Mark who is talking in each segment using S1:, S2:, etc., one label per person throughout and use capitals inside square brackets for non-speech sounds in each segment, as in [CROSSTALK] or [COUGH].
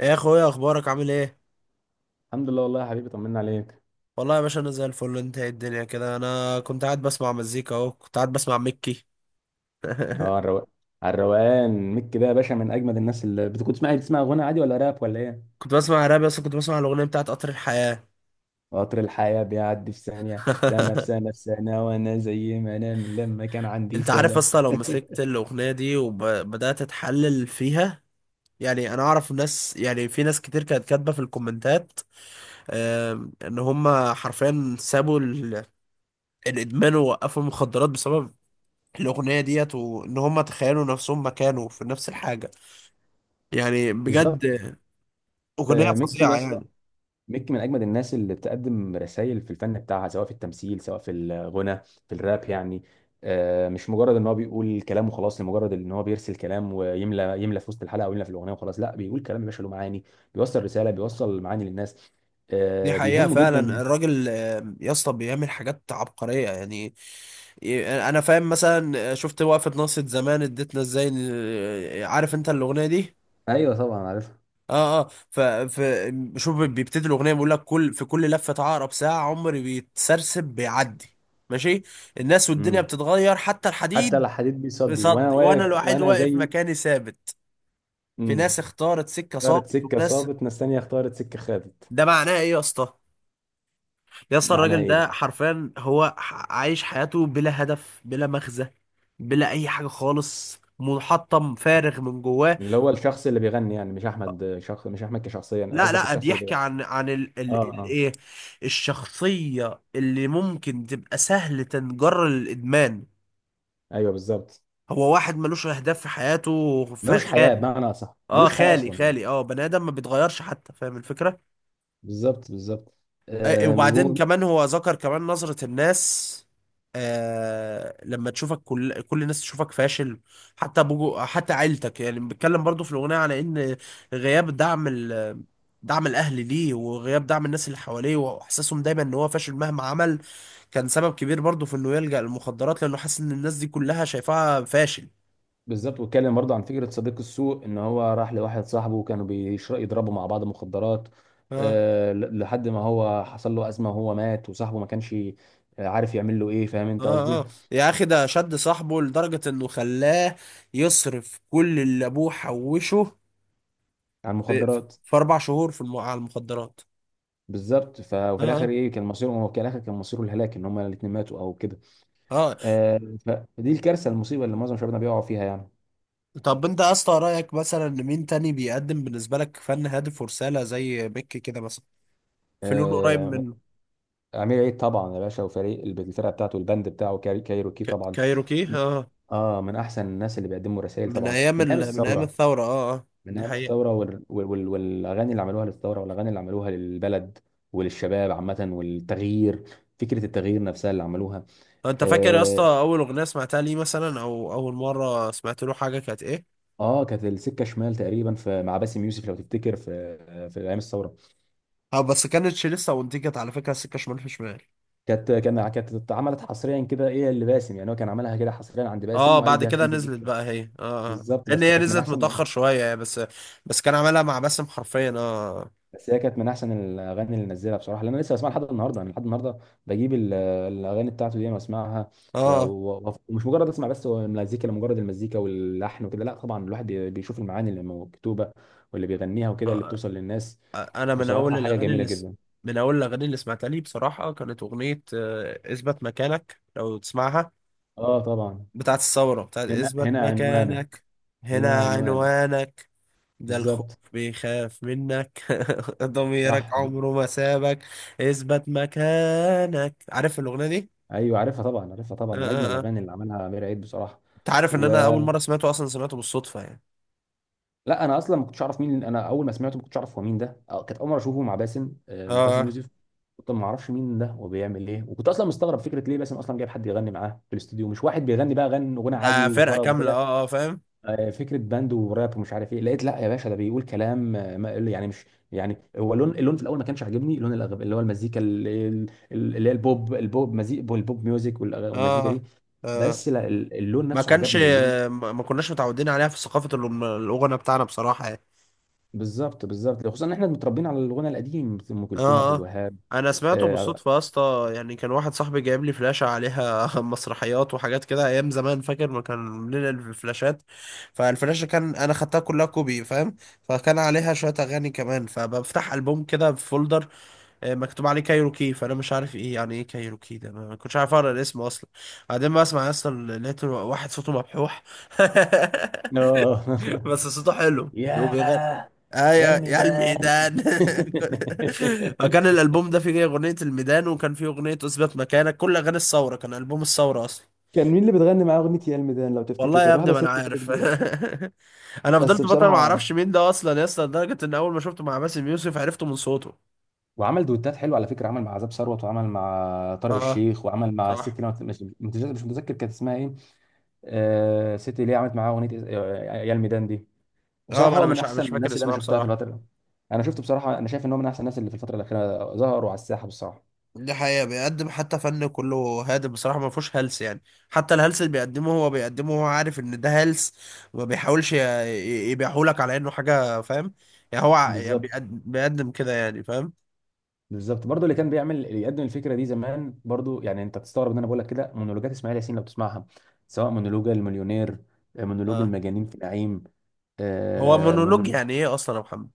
S1: يا اخويا، اخبارك عامل ايه؟
S2: الحمد لله والله يا حبيبي، طمنا عليك.
S1: والله يا باشا انا زي الفل. انت ايه الدنيا كده؟ انا كنت قاعد بسمع مزيكا اهو، كنت قاعد بسمع مكي. [LAUGHS]
S2: اه الرو... على الروقان. ميك ده يا باشا من اجمد الناس. اللي بتكون بتسمع غنى عادي، ولا راب، ولا ايه؟
S1: كنت بسمع راب، بس كنت بسمع الاغنيه بتاعت قطر الحياه.
S2: قطر الحياة بيعدي في ثانية، سنة في
S1: [LAUGHS]
S2: سنة في سنة، وانا زي ما انا من لما كان عندي
S1: انت عارف
S2: سنة.
S1: اصلا لو مسكت الاغنيه دي وبدات اتحلل فيها؟ يعني انا اعرف ناس، يعني في ناس كتير كانت كاتبه في الكومنتات، ان هم حرفيا سابوا الادمان ووقفوا المخدرات بسبب الاغنيه ديت، وان هم تخيلوا نفسهم مكانه في نفس الحاجه. يعني بجد
S2: بالظبط.
S1: اغنيه
S2: ميكي يا
S1: فظيعه
S2: اسطى.
S1: يعني.
S2: ميكي من اجمد الناس اللي بتقدم رسائل في الفن بتاعها، سواء في التمثيل، سواء في الغنى، في الراب يعني. مش مجرد ان هو بيقول كلام وخلاص، لمجرد ان هو بيرسل كلام ويملى في وسط الحلقه، او يملى في الاغنيه وخلاص، لا بيقول كلام يا باشا له معاني، بيوصل رساله، بيوصل معاني للناس.
S1: دي حقيقة
S2: بيهمه
S1: فعلا.
S2: جدا.
S1: الراجل يا اسطى بيعمل حاجات عبقرية يعني. انا فاهم مثلا. شفت وقفة ناصية زمان اديتنا ازاي. عارف انت الأغنية دي؟
S2: ايوه طبعا عارفها.
S1: اه اه. ف شوف، بيبتدي الأغنية بيقول لك كل في كل لفة عقرب ساعة عمري بيتسرسب بيعدي. ماشي. الناس والدنيا
S2: امم.
S1: بتتغير حتى
S2: حتى
S1: الحديد
S2: لا حديد بيصدي وانا
S1: بيصدي، وانا
S2: واقف،
S1: الوحيد
S2: وانا
S1: واقف
S2: زي.
S1: مكاني ثابت. في ناس
S2: امم.
S1: اختارت سكة صامت
S2: اختارت سكه
S1: وناس.
S2: صابت، ناس تانيه اختارت سكه خدت.
S1: ده معناه ايه يا اسطى؟ يا اسطى
S2: معناها
S1: الراجل
S2: ايه
S1: ده
S2: بقى؟
S1: حرفيا هو عايش حياته بلا هدف، بلا مغزى، بلا اي حاجه خالص. منحطم فارغ من جواه.
S2: اللي هو الشخص اللي بيغني، يعني مش احمد شخص، مش احمد كشخصيه، يعني
S1: لا
S2: قصدك
S1: لا،
S2: الشخص اللي
S1: بيحكي
S2: بيغني.
S1: عن ال
S2: اه
S1: ال ال
S2: اه.
S1: ايه، الشخصيه اللي ممكن تبقى سهل تنجر للادمان.
S2: ايوه بالظبط.
S1: هو واحد ملوش اهداف في حياته،
S2: ملوش حياه،
S1: خالي.
S2: بمعنى صح
S1: اه،
S2: ملوش حياه
S1: خالي
S2: اصلا يعني.
S1: خالي. اه، بني ادم ما بيتغيرش حتى، فاهم الفكره.
S2: بالظبط بالظبط. آه
S1: وبعدين
S2: وهو-
S1: كمان هو ذكر كمان نظرة الناس. آه، لما تشوفك كل الناس تشوفك فاشل، حتى بجو، حتى عيلتك. يعني بيتكلم برضو في الأغنية على إن غياب دعم دعم الأهل ليه، وغياب دعم الناس اللي حواليه، وإحساسهم دايما إن هو فاشل مهما عمل، كان سبب كبير برضو في إنه يلجأ للمخدرات، لأنه حاسس إن الناس دي كلها شايفاها فاشل.
S2: بالظبط، واتكلم برضه عن فكره صديق السوء، ان هو راح لواحد صاحبه، وكانوا بيشرب يضربوا مع بعض مخدرات.
S1: اه
S2: لحد ما هو حصل له ازمه وهو مات، وصاحبه ما كانش عارف يعمل له ايه، فاهم انت قصدي؟
S1: اه. اه يا اخي، ده شد صاحبه لدرجة انه خلاه يصرف كل اللي ابوه حوشه
S2: عن
S1: في في,
S2: المخدرات.
S1: في 4 شهور في على المخدرات.
S2: بالظبط. وفي الاخر
S1: اه
S2: ايه كان مصيره؟ هو في الاخر كان مصيره الهلاك، ان هما الاثنين ماتوا او كده.
S1: اه.
S2: آه فدي الكارثه، المصيبه اللي معظم شبابنا بيقعوا فيها يعني.
S1: اه، طب انت يا اسطى رايك مثلا إن مين تاني بيقدم بالنسبه لك فن هادف ورساله زي بيك كده مثلا؟ في لون قريب
S2: آه،
S1: من
S2: امير عيد طبعا يا باشا، وفريق الفرقه بتاعته، البند بتاعه كايروكي طبعا.
S1: كايروكي.
S2: م-
S1: اه،
S2: اه من احسن الناس اللي بيقدموا رسائل
S1: من
S2: طبعا،
S1: ايام
S2: من ايام
S1: من ايام
S2: الثوره.
S1: الثوره. اه اه،
S2: من
S1: دي
S2: ايام الثوره
S1: حقيقه.
S2: والاغاني اللي عملوها للثوره، والاغاني اللي عملوها للبلد وللشباب عامه، والتغيير، فكره التغيير نفسها اللي عملوها.
S1: طب انت فاكر يا اسطى
S2: اه,
S1: اول اغنيه سمعتها ليه مثلا، او اول مره سمعت له حاجه كانت ايه؟
S2: كانت السكه شمال تقريبا في مع باسم يوسف لو تفتكر، في ايام الثوره.
S1: اه بس كانتش لسه، وانتجت على فكره سكه شمال في شمال.
S2: كانت اتعملت حصريا كده، ايه اللي باسم يعني هو كان عملها كده حصريا عند باسم،
S1: اه
S2: وقال
S1: بعد
S2: دي
S1: كده
S2: هتنزل
S1: نزلت
S2: لسه.
S1: بقى هي. اه اه،
S2: بالظبط.
S1: لان هي نزلت متاخر شويه بس. بس كان عملها مع باسم حرفيا، اه.
S2: بس هي كانت من احسن الاغاني اللي نزلها بصراحه، لان انا لسه بسمعها لحد النهارده، انا لحد النهارده بجيب الاغاني بتاعته دي واسمعها. و-
S1: اه.
S2: و- ومش مجرد اسمع بس، هو المزيكا لمجرد المزيكا واللحن وكده، لا طبعا الواحد بيشوف المعاني اللي مكتوبه واللي بيغنيها وكده، اللي
S1: آه،
S2: بتوصل للناس
S1: انا من
S2: بصراحه،
S1: اول
S2: حاجه
S1: الاغاني
S2: جميله جدا.
S1: من اول الاغاني اللي سمعتها لي بصراحه كانت اغنيه اثبت مكانك، لو تسمعها.
S2: اه طبعا.
S1: بتاعت الثورة، بتاعت
S2: هنا
S1: اثبت
S2: هنا عنوانك،
S1: مكانك.
S2: هنا
S1: هنا
S2: عنوانك.
S1: عنوانك. ده الخوف
S2: بالظبط.
S1: بيخاف منك. [LAUGHS] ضميرك
S2: صح.
S1: عمره ما سابك. اثبت مكانك، عارف الاغنيه دي؟
S2: ايوه عارفها طبعا، عارفها طبعا،
S1: آه،
S2: من اجمل
S1: آه، آه.
S2: الاغاني اللي عملها امير عيد بصراحه.
S1: انت عارف ان
S2: و...
S1: انا اول مره سمعته اصلا سمعته بالصدفه يعني.
S2: لا انا اصلا ما كنتش اعرف مين، انا اول ما سمعته ما كنتش اعرف هو مين ده، كانت اول مره اشوفه مع باسم، باسم
S1: اه،
S2: يوسف. كنت ما اعرفش مين ده وبيعمل ايه، وكنت اصلا مستغرب فكره ليه باسم اصلا جايب حد يغني معاه في الاستوديو؟ مش واحد بيغني بقى، غن غنى
S1: ده
S2: عادي
S1: فرقه
S2: وطرب
S1: كامله.
S2: وكده.
S1: اه اه، فاهم.
S2: فكره باند وراب ومش عارف ايه، لقيت لا يا باشا ده بيقول كلام، ما يعني مش، يعني هو اللون في الاول ما كانش عاجبني، لون اللي هو المزيكا اللي هي البوب، البوب مزيك، البوب ميوزك، والمزيكا دي.
S1: اه. آه.
S2: بس لا، اللون
S1: ما
S2: نفسه
S1: كانش،
S2: عجبني اللون.
S1: ما كناش متعودين عليها في ثقافة الغنى بتاعنا بصراحة يعني.
S2: بالظبط بالظبط، خصوصا ان احنا متربيين على الغنى القديم، ام كلثوم، عبد
S1: اه اه.
S2: الوهاب.
S1: انا سمعته
S2: اه.
S1: بالصدفة يا اسطى، يعني كان واحد صاحبي جايب لي فلاشة عليها [LAUGHS] مسرحيات وحاجات كده ايام زمان، فاكر ما كان بننقل الفلاشات. فالفلاشة كان انا خدتها كلها كوبي، فاهم. فكان عليها شوية اغاني كمان، فبفتح ألبوم كده في فولدر مكتوب عليه كايروكي، فانا مش عارف ايه يعني ايه كايروكي ده، ما كنتش عارف اقرا الاسم اصلا. بعدين ما اسمع اصلا لقيت واحد صوته مبحوح. [LAUGHS]
S2: آه. [LAUGHS]
S1: بس صوته حلو، وبيغني
S2: يا يا
S1: ايوه يا
S2: الميدان.
S1: الميدان. [LAUGHS] فكان
S2: [LAUGHS]
S1: الالبوم ده فيه اغنيه الميدان، وكان فيه اغنيه اثبت مكانك، كل اغاني الثوره، كان البوم الثوره اصلا.
S2: كان مين اللي بتغني معاه اغنيه يا الميدان لو تفتكر؟
S1: والله يا
S2: كانت
S1: ابني
S2: واحده
S1: ما انا
S2: ست كده
S1: عارف.
S2: كبيره.
S1: [LAUGHS] انا
S2: بس
S1: فضلت فتره ما
S2: بصراحه،
S1: اعرفش مين ده اصلا يا اسطى، لدرجه ان اول ما شفته مع باسم يوسف عرفته من صوته.
S2: وعمل دويتات حلوه على فكره، عمل مع عذاب ثروت، وعمل مع طارق
S1: اه
S2: الشيخ، وعمل مع الست
S1: صح.
S2: اللي أنا مش متذكر كانت اسمها ايه. الست اللي هي عملت معاه اغنيه يا الميدان دي،
S1: اه،
S2: بصراحه
S1: ما انا
S2: هو من
S1: مش
S2: احسن
S1: مش فاكر
S2: الناس اللي انا
S1: اسمها
S2: شفتها في
S1: بصراحه.
S2: الفتره دي. انا شفته بصراحه، انا شايف ان هو من احسن الناس اللي في الفتره الاخيره ظهروا على الساحه بصراحه.
S1: دي حقيقة، بيقدم حتى فن كله هادف بصراحة، ما فيهوش هلس يعني. حتى الهلس اللي بيقدمه هو بيقدمه هو عارف ان ده هلس، وما بيحاولش يبيعهولك على انه حاجة، فاهم. يعني هو يعني
S2: بالظبط
S1: بيقدم كده يعني، فاهم.
S2: بالظبط، برضه اللي كان بيعمل، اللي يقدم الفكره دي زمان برضه يعني، انت تستغرب ان انا بقول لك كده، مونولوجات اسماعيل ياسين لو تسمعها، سواء مونولوج المليونير، مونولوج
S1: اه.
S2: المجانين في نعيم،
S1: هو مونولوج
S2: مونولوج.
S1: يعني ايه اصلا يا محمد؟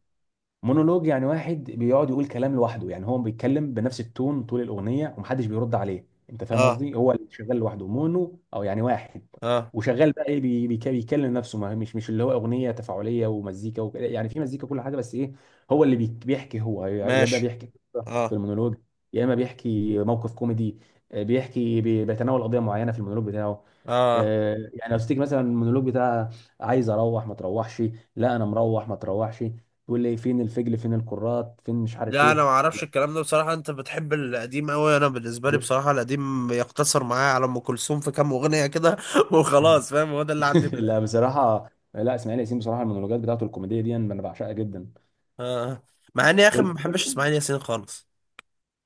S2: مونولوج يعني واحد بيقعد يقول كلام لوحده، يعني هو بيتكلم بنفس التون طول الاغنيه ومحدش بيرد عليه، انت فاهم
S1: اه
S2: قصدي؟ هو اللي شغال لوحده، مونو، او يعني واحد
S1: اه،
S2: وشغال بقى ايه، بيتكلم نفسه، ما مش اللي هو اغنيه تفاعليه ومزيكا وكده يعني، في مزيكا، كل حاجه، بس ايه؟ هو اللي بيحكي هو، يا اما
S1: ماشي.
S2: بيحكي قصة في
S1: اه
S2: المونولوج، يا اما بيحكي موقف كوميدي، بيحكي بيتناول قضيه معينه في المونولوج بتاعه.
S1: اه،
S2: يعني لو تيجي مثلا المونولوج بتاع عايز اروح ما تروحش، لا انا مروح ما تروحش، تقول لي فين الفجل، فين الكرات، فين مش عارف
S1: لا انا ما
S2: ايه.
S1: اعرفش
S2: [LAUGHS]
S1: الكلام ده بصراحة. انت بتحب القديم قوي. انا بالنسبة لي
S2: جو-
S1: بصراحة القديم يقتصر معايا على ام كلثوم في كام اغنية كده [LAUGHS] وخلاص، فاهم، هو ده اللي عندي.
S2: لا بصراحه، لا اسماعيل ياسين بصراحه المونولوجات بتاعته الكوميديه دي انا بعشقها جدا.
S1: اه. آه. مع اني يا اخي ما
S2: وال-
S1: بحبش
S2: وال-
S1: اسماعيل ياسين خالص.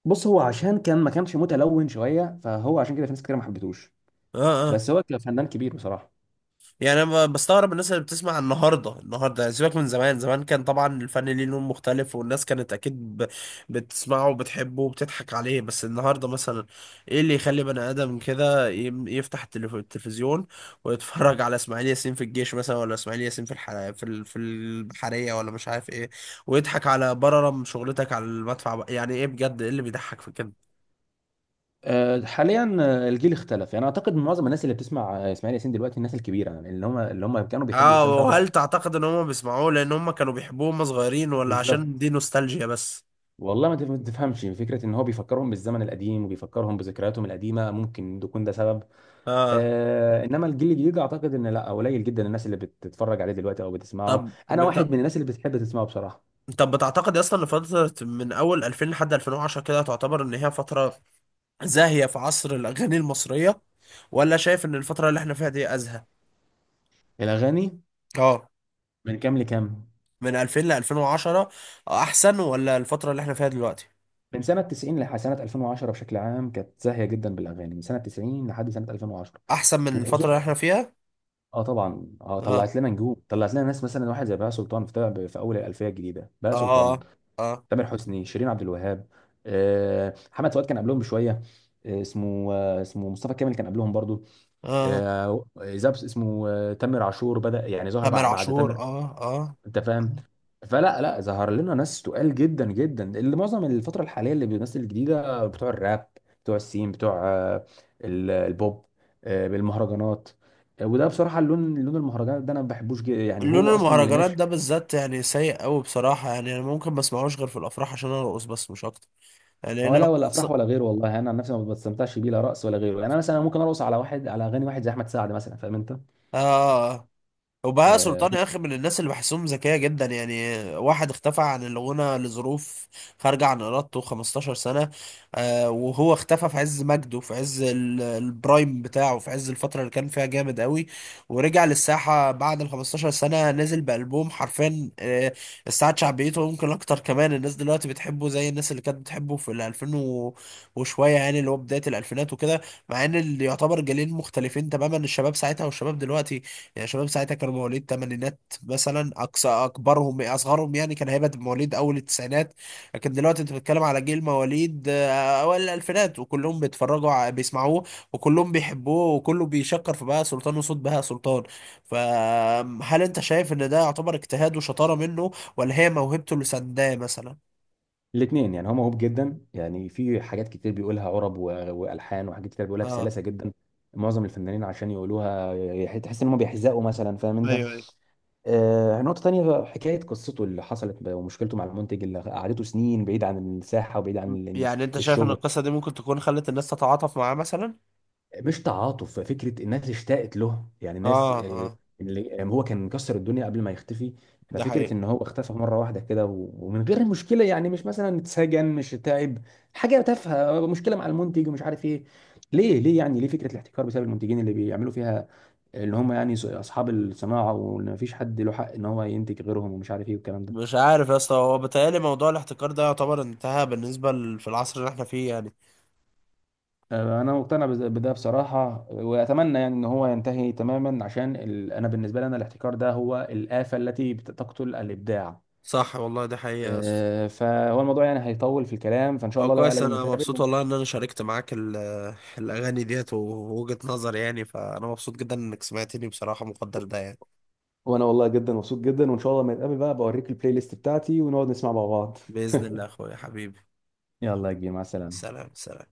S2: بص هو عشان كان ما كانش متلون شويه، فهو عشان كده في ناس كتير ما حبتوش،
S1: اه اه.
S2: بس هو كفنان كبير بصراحه.
S1: يعني انا بستغرب الناس اللي بتسمع النهارده، النهارده يعني، سيبك من زمان. زمان كان طبعا الفن ليه لون مختلف، والناس كانت اكيد بتسمعه وبتحبه وبتضحك عليه. بس النهارده مثلا، ايه اللي يخلي بني ادم كده يفتح التلفزيون ويتفرج على اسماعيل ياسين في الجيش مثلا، ولا اسماعيل ياسين في في البحريه، ولا مش عارف ايه، ويضحك على بررم شغلتك على المدفع بقى. يعني ايه بجد؟ ايه اللي بيضحك في كده؟
S2: حاليا، الجيل اختلف، يعني اعتقد معظم الناس اللي بتسمع اسماعيل ياسين دلوقتي الناس الكبيره، يعني اللي هم كانوا بيحبوا
S1: اه،
S2: الافلام بتاعته
S1: وهل
S2: القديمه.
S1: تعتقد ان هم بيسمعوه لان هم كانوا بيحبوه هم صغيرين، ولا
S2: بالظبط.
S1: عشان دي نوستالجيا بس؟
S2: والله ما تفهمش، فكره ان هو بيفكرهم بالزمن القديم، وبيفكرهم بذكرياتهم القديمه، ممكن يكون ده سبب.
S1: اه.
S2: انما الجيل الجديد اعتقد ان لا، قليل جدا الناس اللي بتتفرج عليه دلوقتي او بتسمعه.
S1: طب
S2: انا واحد من الناس اللي بتحب تسمعه بصراحه.
S1: طب بتعتقد اصلا ان فترة من اول 2000 لحد 2010 كده تعتبر ان هي فترة زاهية في عصر الاغاني المصرية، ولا شايف ان الفترة اللي احنا فيها دي ازهى؟
S2: الاغاني
S1: اه.
S2: من كام لكام؟
S1: من 2000 ل 2010 احسن، ولا الفترة اللي احنا فيها دلوقتي
S2: من سنه 90 لحد سنه 2010 بشكل عام كانت زاهيه جدا بالاغاني، من سنه 90 لحد سنه 2010
S1: احسن من الفترة
S2: وخصوصا.
S1: اللي احنا فيها؟
S2: اه طبعا،
S1: اه.
S2: طلعت لنا نجوم، طلعت لنا ناس مثلا واحد زي بهاء سلطان، في طلع في اول الالفيه الجديده بهاء سلطان،
S1: اه. اه.
S2: تامر حسني، شيرين عبد الوهاب، محمد فؤاد كان قبلهم بشويه. اسمه مصطفى كامل كان قبلهم برضو.
S1: اه.
S2: آه، زبس اسمه آه، تامر عاشور بدأ يعني ظهر
S1: تامر
S2: بعد
S1: عاشور،
S2: تامر،
S1: اه اه.
S2: انت فاهم. فلا، لا ظهر لنا ناس تقال جدا جدا، اللي معظم الفترة الحالية اللي بيمثل الجديدة بتوع الراب، بتوع السين، بتوع البوب، بالمهرجانات. وده بصراحة اللون، لون المهرجانات ده انا ما بحبوش جدا، يعني
S1: لون
S2: هو اصلا اللي
S1: المهرجانات
S2: ماشي.
S1: ده بالذات يعني سيء قوي بصراحة، يعني انا ممكن ما اسمعوش غير في الافراح عشان ارقص بس، مش اكتر. يعني انا
S2: ولا افراح ولا غيره، والله انا عن نفسي ما بستمتعش بيه، لا رقص ولا غيره، يعني انا مثلا ممكن ارقص على واحد، على اغاني واحد زي احمد سعد مثلا، فاهم انت.
S1: آه. وبهاء
S2: آه،
S1: سلطان يا اخي من الناس اللي بحسهم ذكيه جدا، يعني واحد اختفى عن الغنى لظروف خارجه عن ارادته 15 سنه. آه، وهو اختفى في عز مجده، في عز البرايم بتاعه، في عز الفتره اللي كان فيها جامد قوي، ورجع للساحه بعد ال 15 سنه نزل بالبوم حرفيا. آه، استعاد شعبيته، ويمكن اكتر كمان الناس دلوقتي بتحبه زي الناس اللي كانت بتحبه في ال 2000 وشويه، يعني اللي هو بدايه الالفينات وكده. مع ان اللي يعتبر جيلين مختلفين تماما، الشباب ساعتها والشباب دلوقتي. يعني شباب ساعتها كانوا مواليد تمانينات مثلا اقصى اكبرهم، اصغرهم يعني كان هيبقى مواليد اول التسعينات. لكن دلوقتي انت بتتكلم على جيل مواليد اوائل الالفينات، وكلهم بيتفرجوا بيسمعوه، وكلهم بيحبوه، وكله بيشكر في بهاء سلطان وصوت بهاء سلطان. فهل انت شايف ان ده يعتبر اجتهاد وشطارة منه، ولا هي موهبته اللي سنداه مثلا؟
S2: الاثنين يعني، هو موهوب جدا يعني، في حاجات كتير بيقولها عرب والحان، وحاجات كتير بيقولها
S1: اه
S2: بسلاسه جدا. معظم الفنانين عشان يقولوها تحس ان هم بيحزقوا مثلا، فاهم انت.
S1: ايوه ايوه.
S2: نقطه تانية، حكايه قصته اللي حصلت ومشكلته مع المنتج اللي قعدته سنين بعيد عن الساحه، وبعيد عن
S1: يعني انت شايف ان
S2: الشغل.
S1: القصة دي ممكن تكون خلت الناس تتعاطف معاه مثلا؟
S2: مش تعاطف، فكره الناس اشتاقت له، يعني الناس
S1: اه اه.
S2: اللي هو كان مكسر الدنيا قبل ما يختفي.
S1: ده
S2: ففكره
S1: حقيقي.
S2: ان هو اختفى مره واحده كده، ومن غير مشكله، يعني مش مثلا اتسجن، مش تعب حاجه تافهه، مشكله مع المنتج ومش عارف ايه. ليه ليه يعني ليه فكره الاحتكار بسبب المنتجين اللي بيعملوا فيها، اللي هم يعني اصحاب الصناعه، وان مفيش حد له حق ان هو ينتج غيرهم ومش عارف ايه والكلام ده.
S1: مش عارف يا اسطى، هو بيتهيألي موضوع الاحتكار ده يعتبر انتهى بالنسبة في العصر اللي احنا فيه يعني.
S2: انا مقتنع بده بصراحه، واتمنى يعني ان هو ينتهي تماما عشان ال... انا بالنسبه لي، انا الاحتكار ده هو الافه التي تقتل الابداع.
S1: صح والله، دي حقيقة يا اسطى.
S2: فهو الموضوع يعني هيطول في الكلام، فان شاء
S1: هو
S2: الله بقى
S1: كويس،
S2: لازم
S1: انا مبسوط
S2: نتقابل.
S1: والله ان انا شاركت معاك الاغاني ديت ووجهة نظري يعني، فانا مبسوط جدا انك سمعتني بصراحة، مقدر ده يعني.
S2: وانا والله جدا مبسوط جدا، وان شاء الله لما نتقابل بقى بوريك البلاي ليست بتاعتي ونقعد نسمع مع بعض.
S1: بإذن الله يا
S2: [LAUGHS]
S1: اخويا حبيبي.
S2: يلا يا كبير، مع السلامه.
S1: سلام سلام.